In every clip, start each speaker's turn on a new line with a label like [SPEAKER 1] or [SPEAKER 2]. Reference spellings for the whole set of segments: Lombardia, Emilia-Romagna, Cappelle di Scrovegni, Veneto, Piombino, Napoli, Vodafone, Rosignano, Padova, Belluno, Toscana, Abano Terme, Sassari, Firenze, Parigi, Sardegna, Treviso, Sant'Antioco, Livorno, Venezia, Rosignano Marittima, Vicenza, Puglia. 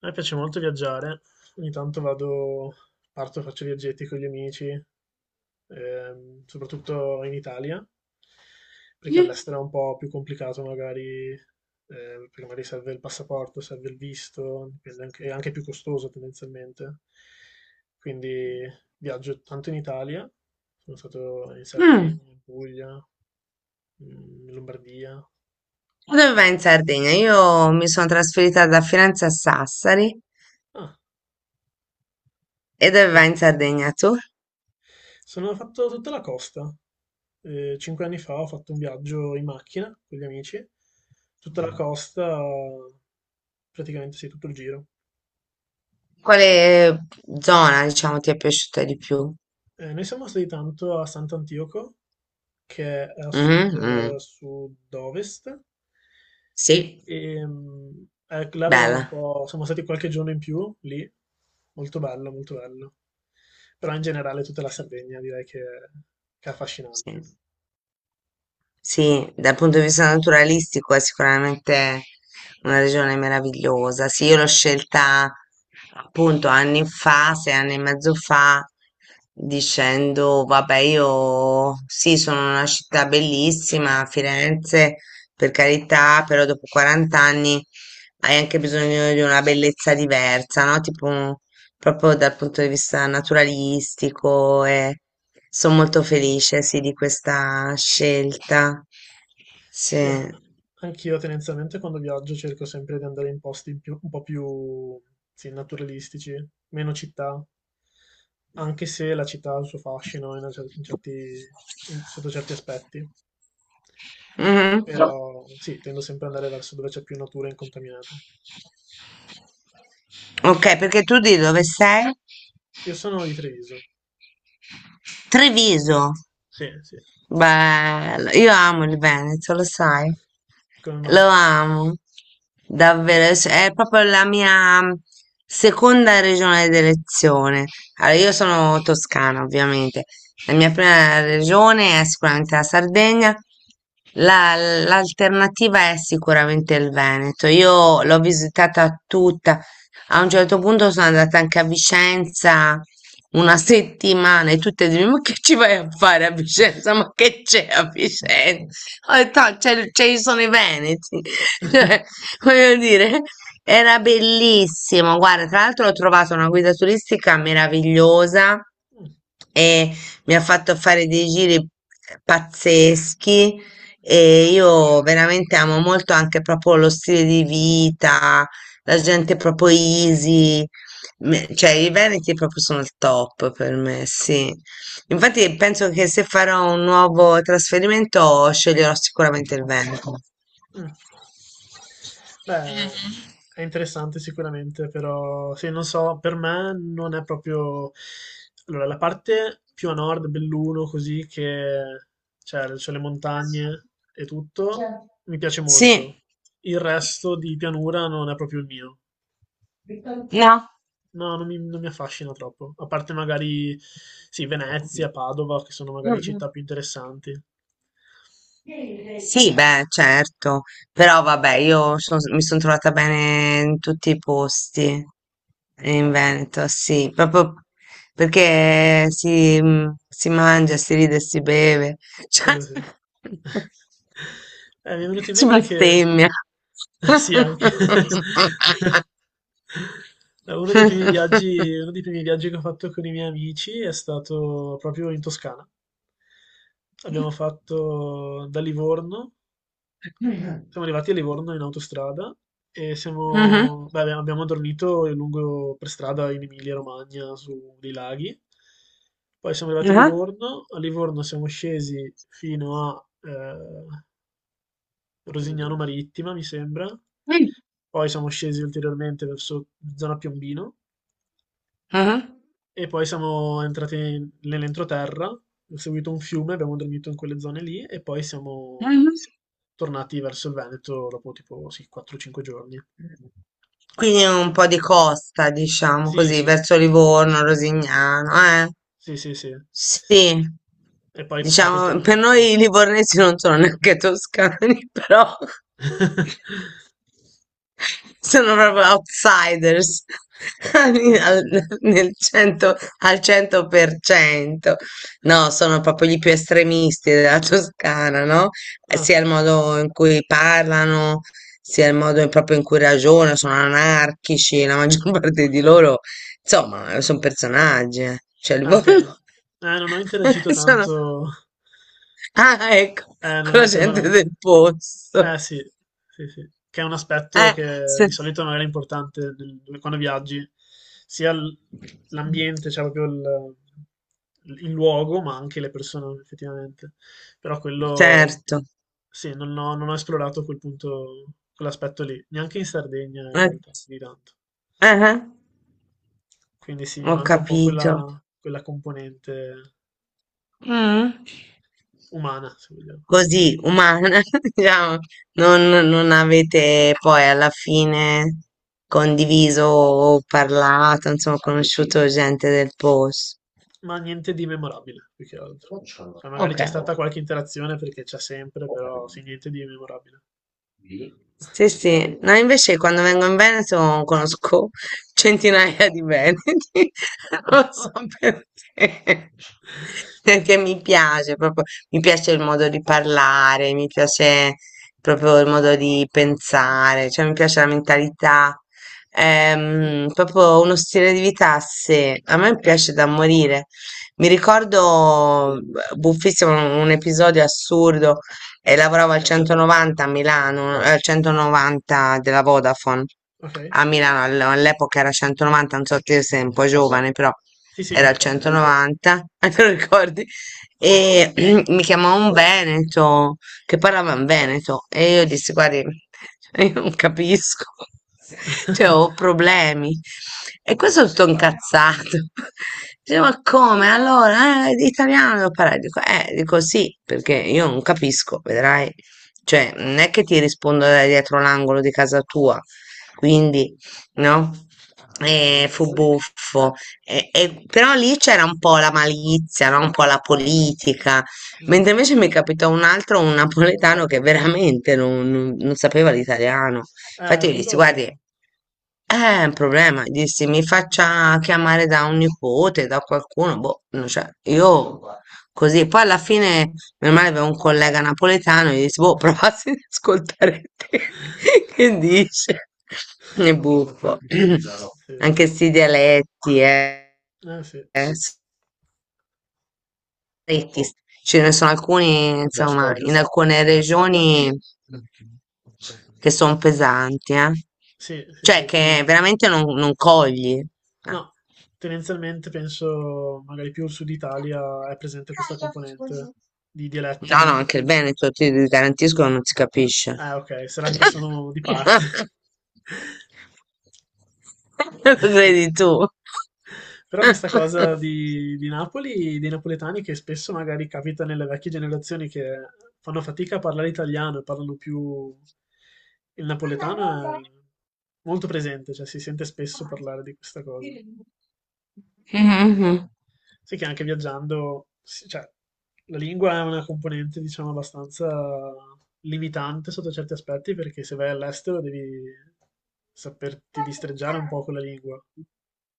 [SPEAKER 1] A me piace molto viaggiare, ogni tanto vado, parto, faccio viaggetti con gli amici, soprattutto in Italia, perché all'estero è un po' più complicato magari, perché magari serve il passaporto, serve il visto, è anche più costoso tendenzialmente. Quindi viaggio tanto in Italia, sono stato in
[SPEAKER 2] Mm.
[SPEAKER 1] Sardegna, in Puglia, in Lombardia,
[SPEAKER 2] Dove vai in
[SPEAKER 1] Parigi.
[SPEAKER 2] Sardegna? Io mi sono trasferita da Firenze a Sassari.
[SPEAKER 1] Ah,
[SPEAKER 2] E dove vai in
[SPEAKER 1] ecco.
[SPEAKER 2] Sardegna tu?
[SPEAKER 1] Sono fatto tutta la costa. 5 anni fa ho fatto un viaggio in macchina con gli amici, tutta la costa, praticamente sì, tutto il giro.
[SPEAKER 2] Quale zona, diciamo, ti è piaciuta di più?
[SPEAKER 1] Noi siamo stati tanto a Sant'Antioco, che è a
[SPEAKER 2] Mhm,
[SPEAKER 1] sud,
[SPEAKER 2] mm.
[SPEAKER 1] sud-ovest,
[SPEAKER 2] Sì,
[SPEAKER 1] e là avevamo un
[SPEAKER 2] bella.
[SPEAKER 1] po', siamo stati qualche giorno in più lì, molto bello, molto bello. Però in generale tutta la Sardegna direi che è affascinante.
[SPEAKER 2] Sì. Sì, dal punto di vista naturalistico è sicuramente una regione meravigliosa. Sì, io l'ho scelta appunto anni fa, 6 anni e mezzo fa, dicendo, vabbè, io sì, sono una città bellissima, Firenze, per carità, però dopo 40 anni hai anche bisogno di una bellezza diversa, no? Tipo proprio dal punto di vista naturalistico e sono molto felice, sì, di questa scelta. Sì.
[SPEAKER 1] Sì, a anch'io tendenzialmente quando viaggio cerco sempre di andare in posti in più un po' più, sì, naturalistici, meno città, anche se la città ha il suo fascino in una cer- in certi- in- sotto certi aspetti,
[SPEAKER 2] Mhm. No.
[SPEAKER 1] però sì, tendo sempre ad andare verso dove c'è più natura incontaminata.
[SPEAKER 2] Ok, perché tu di dove sei?
[SPEAKER 1] Io sono di Treviso.
[SPEAKER 2] Treviso.
[SPEAKER 1] Sì, sì.
[SPEAKER 2] Bello, io amo il Veneto, lo sai,
[SPEAKER 1] Come
[SPEAKER 2] lo
[SPEAKER 1] mai?
[SPEAKER 2] amo, davvero, cioè, è proprio la mia seconda regione d'elezione. Allora, io sono toscana, ovviamente, la mia prima regione è sicuramente la Sardegna, la- l'alternativa è sicuramente il Veneto. Io l'ho visitata tutta, a un certo punto sono andata anche a Vicenza una settimana e tutte dicono, ma che ci vai a fare a Vicenza? Ma che c'è a Vicenza? Ho detto, "Ah, ci sono i Veneti. Cioè, voglio dire, era bellissimo. Guarda, tra l'altro ho trovato una guida turistica meravigliosa
[SPEAKER 1] Mm,
[SPEAKER 2] e mi ha fatto fare dei giri pazzeschi e io veramente amo molto anche proprio lo stile di vita, la gente proprio easy. Cioè, i Veneti proprio sono il top per me, sì. Infatti penso che se farò un nuovo trasferimento sceglierò sicuramente il Veneto.
[SPEAKER 1] mm. Beh, è interessante sicuramente, però sì, non so, per me non è proprio... Allora, la parte più a nord, Belluno, così che c'è le montagne e tutto, mi piace
[SPEAKER 2] Sì,
[SPEAKER 1] molto. Il resto di pianura non è proprio il mio.
[SPEAKER 2] no.
[SPEAKER 1] No, non mi affascina troppo. A parte magari, sì, Venezia, Padova, che sono
[SPEAKER 2] Mm,
[SPEAKER 1] magari
[SPEAKER 2] mm.
[SPEAKER 1] città più interessanti.
[SPEAKER 2] Sì, beh, certo, però vabbè, mi sono trovata bene in tutti i posti in Veneto, sì, proprio perché si mangia, si ride, si beve,
[SPEAKER 1] Quello
[SPEAKER 2] cioè,
[SPEAKER 1] sì. Mi è venuto in
[SPEAKER 2] si
[SPEAKER 1] mente che...
[SPEAKER 2] bestemmia.
[SPEAKER 1] Sì, anche. Uno dei primi viaggi che ho fatto con i miei amici è stato proprio in Toscana. Abbiamo fatto da Livorno, siamo arrivati a Livorno in autostrada e
[SPEAKER 2] Mhm,
[SPEAKER 1] siamo, beh, abbiamo dormito lungo per strada in Emilia-Romagna su dei laghi. Poi siamo arrivati
[SPEAKER 2] mhm,
[SPEAKER 1] A Livorno siamo scesi fino a, Rosignano Marittima, mi sembra.
[SPEAKER 2] mhm,
[SPEAKER 1] Poi siamo scesi ulteriormente verso zona Piombino e poi siamo entrati nell'entroterra, ho seguito un fiume, abbiamo dormito in quelle zone lì e poi siamo
[SPEAKER 2] mhm.
[SPEAKER 1] tornati verso il Veneto dopo tipo sì, 4-5 giorni.
[SPEAKER 2] Quindi un po' di costa, diciamo
[SPEAKER 1] Sì,
[SPEAKER 2] così,
[SPEAKER 1] sì,
[SPEAKER 2] verso Livorno, Rosignano, eh?
[SPEAKER 1] sì, sì, sì.
[SPEAKER 2] Sì,
[SPEAKER 1] E poi capita
[SPEAKER 2] diciamo,
[SPEAKER 1] ogni
[SPEAKER 2] per
[SPEAKER 1] tanto.
[SPEAKER 2] noi i livornesi non sono neanche toscani, però sono proprio outsiders al, nel 100, al 100%. No, sono proprio gli più estremisti della Toscana, no?
[SPEAKER 1] Ah,
[SPEAKER 2] Sia il modo in cui parlano, sia il modo proprio in cui ragionano, sono anarchici, la maggior parte
[SPEAKER 1] ok.
[SPEAKER 2] di loro. Insomma, son personaggi, eh. Cioè, li
[SPEAKER 1] Ah, ok.
[SPEAKER 2] vogliono-
[SPEAKER 1] Non ho interagito
[SPEAKER 2] sono
[SPEAKER 1] tanto.
[SPEAKER 2] ah, ecco, ecco
[SPEAKER 1] Non
[SPEAKER 2] la
[SPEAKER 1] è quello.
[SPEAKER 2] gente
[SPEAKER 1] No.
[SPEAKER 2] del
[SPEAKER 1] Eh
[SPEAKER 2] posto.
[SPEAKER 1] sì, sì, sì. Che è un aspetto
[SPEAKER 2] Eh,
[SPEAKER 1] che di
[SPEAKER 2] se
[SPEAKER 1] solito non era importante quando viaggi, sia l- l'ambiente, cioè proprio il luogo, ma anche le persone effettivamente. Però quello,
[SPEAKER 2] certo.
[SPEAKER 1] sì, non ho esplorato quel punto, quell'aspetto lì, neanche in Sardegna in
[SPEAKER 2] Eh,
[SPEAKER 1] realtà, di tanto.
[SPEAKER 2] eh-eh,
[SPEAKER 1] Quindi sì, mi
[SPEAKER 2] ho
[SPEAKER 1] manca un po'
[SPEAKER 2] capito.
[SPEAKER 1] quella componente
[SPEAKER 2] Mh.
[SPEAKER 1] umana, se vogliamo.
[SPEAKER 2] Così, umana, diciamo, non avete poi alla fine condiviso o parlato, insomma, conosciuto gente del pos.
[SPEAKER 1] Ma niente di memorabile, più che altro. Cioè, magari c'è
[SPEAKER 2] Okay.
[SPEAKER 1] stata qualche interazione perché c'è sempre, però sì, niente di memorabile.
[SPEAKER 2] Sì, sì. No, invece quando vengo in Veneto conosco centinaia di veneti, lo so perché. Perché mi piace proprio, mi piace il modo di parlare, mi piace proprio il modo di pensare, cioè mi piace la mentalità, proprio uno stile di vita se a me piace da morire. Mi ricordo, buffissimo, un episodio assurdo e lavoravo al 190 a Milano, al 190 della Vodafone
[SPEAKER 1] Ok?
[SPEAKER 2] a Milano, all'epoca era 190, non so te sei un po' giovane, però
[SPEAKER 1] Sì, sì, mi
[SPEAKER 2] era il
[SPEAKER 1] ricordo.
[SPEAKER 2] 190, te lo ricordi?
[SPEAKER 1] Sì.
[SPEAKER 2] E mi chiamò un Veneto che parlava in veneto e io dissi, guardi, cioè, io non capisco, cioè ho problemi. E questo è tutto incazzato. Dice, ma come? Allora, italiano devo parlare. Dico sì, perché io non capisco, vedrai. Cioè, non è che ti rispondo da dietro l'angolo di casa tua, quindi, no? E fu buffo. Però lì c'era un po' la malizia, no? Un po' la politica.
[SPEAKER 1] Mm.
[SPEAKER 2] Mentre invece mi capitò un altro, un napoletano che veramente non sapeva l'italiano. Infatti, gli dissi: Guardi,
[SPEAKER 1] Quello...
[SPEAKER 2] è un problema. Gli dissi: Mi
[SPEAKER 1] Ah, sì,
[SPEAKER 2] faccia chiamare da un nipote, da qualcuno. Boh, non c'è. Io così. Poi alla fine, meno male, avevo un collega napoletano. Gli dissi: Boh, provassi ad ascoltare te. Che dice? È buffo.
[SPEAKER 1] sì.
[SPEAKER 2] Anche sti dialetti, eh.
[SPEAKER 1] Sì.
[SPEAKER 2] eh, stretti, ce ne sono alcuni, insomma, in alcune regioni che sono pesanti, eh.
[SPEAKER 1] Sì, sì,
[SPEAKER 2] Cioè
[SPEAKER 1] sì,
[SPEAKER 2] che
[SPEAKER 1] più...
[SPEAKER 2] veramente non cogli, eh.
[SPEAKER 1] No, tendenzialmente penso magari più il sud Italia è presente questa componente di dialetti
[SPEAKER 2] No, no,
[SPEAKER 1] molto
[SPEAKER 2] anche il
[SPEAKER 1] più...
[SPEAKER 2] Veneto, ti garantisco, non si capisce.
[SPEAKER 1] Ah, ok, sarà che sono di parte.
[SPEAKER 2] Lo
[SPEAKER 1] Sì.
[SPEAKER 2] credi tu?
[SPEAKER 1] Però questa cosa di Napoli, dei napoletani, che spesso magari capita nelle vecchie generazioni che fanno fatica a parlare italiano e parlano più il napoletano, è molto presente, cioè si sente spesso parlare di questa cosa.
[SPEAKER 2] Mhm.
[SPEAKER 1] Sì che anche viaggiando, sì, cioè, la lingua è una componente, diciamo, abbastanza limitante sotto certi aspetti, perché se vai all'estero devi saperti distreggiare un po' con la lingua,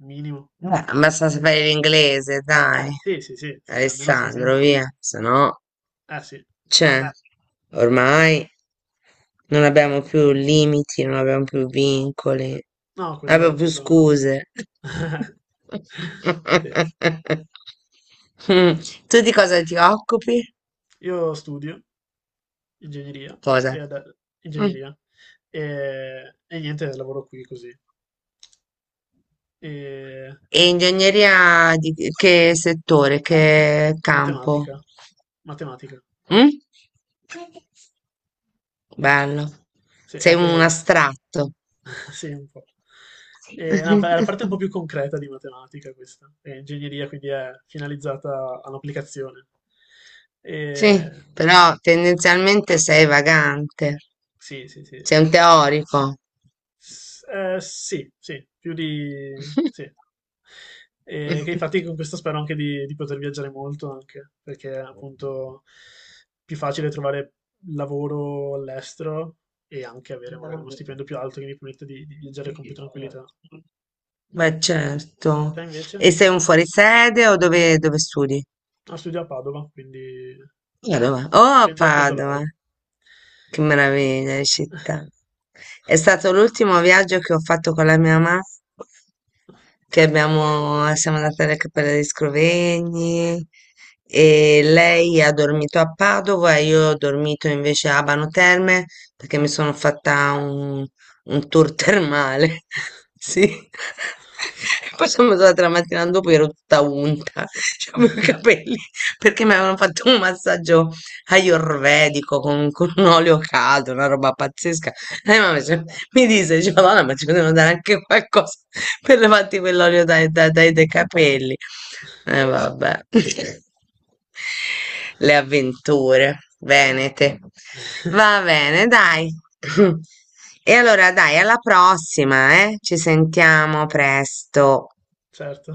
[SPEAKER 1] minimo.
[SPEAKER 2] Eh, basta sapere l'inglese, dai,
[SPEAKER 1] Sì, sì, sì, sì, sì, almeno, almeno
[SPEAKER 2] Alessandro,
[SPEAKER 1] quello.
[SPEAKER 2] via, se no,
[SPEAKER 1] Sì.
[SPEAKER 2] cioè, ormai non abbiamo più limiti, non abbiamo più vincoli,
[SPEAKER 1] No,
[SPEAKER 2] non abbiamo
[SPEAKER 1] quello,
[SPEAKER 2] più
[SPEAKER 1] quello...
[SPEAKER 2] scuse.
[SPEAKER 1] Sì.
[SPEAKER 2] Mm. Tu di cosa ti occupi?
[SPEAKER 1] Io studio ingegneria e,
[SPEAKER 2] Cosa?
[SPEAKER 1] ad-
[SPEAKER 2] Mm.
[SPEAKER 1] ingegneria, e niente, lavoro qui così. E
[SPEAKER 2] E ingegneria di che settore, che campo?
[SPEAKER 1] matematica, matematica,
[SPEAKER 2] Mm? Bello,
[SPEAKER 1] sì,
[SPEAKER 2] sei
[SPEAKER 1] è
[SPEAKER 2] un
[SPEAKER 1] che...
[SPEAKER 2] astratto.
[SPEAKER 1] Sì, un po'.
[SPEAKER 2] Sì.
[SPEAKER 1] E, no, è la parte un po' più concreta di matematica questa. E ingegneria quindi è finalizzata all'applicazione.
[SPEAKER 2] Sì,
[SPEAKER 1] E,
[SPEAKER 2] però tendenzialmente sei vagante,
[SPEAKER 1] sì, sì, sì.
[SPEAKER 2] sei un teorico.
[SPEAKER 1] S- sì, sì, più di... sì. E che infatti con questo spero anche di poter viaggiare molto, anche perché è appunto più facile trovare lavoro all'estero e anche avere magari uno stipendio più alto che mi permette di viaggiare con più tranquillità.
[SPEAKER 2] Beh,
[SPEAKER 1] Te
[SPEAKER 2] certo.
[SPEAKER 1] invece?
[SPEAKER 2] E sei un fuorisede o dove studi?
[SPEAKER 1] Ah, studio a Padova, quindi
[SPEAKER 2] A Padova. Oh, a Padova.
[SPEAKER 1] pendolare.
[SPEAKER 2] Che meraviglia di città. È stato l'ultimo viaggio che ho fatto con la mia mamma, che siamo andate alle Cappelle di Scrovegni e lei ha dormito a Padova e io ho dormito invece a Abano Terme perché mi
[SPEAKER 1] Mm.
[SPEAKER 2] sono fatta un tour termale. Sì. Poi sono andata la mattina dopo ero tutta unta, avevo i capelli perché mi avevano fatto un massaggio ayurvedico con un olio caldo, una roba pazzesca. E mamma dice, Madonna, ma ci potevano dare anche qualcosa per levarti quell'olio dai capelli. E vabbè. Le avventure
[SPEAKER 1] Mm.
[SPEAKER 2] venete. Va bene, dai. E allora dai, alla prossima, eh? Ci sentiamo presto.
[SPEAKER 1] Certo.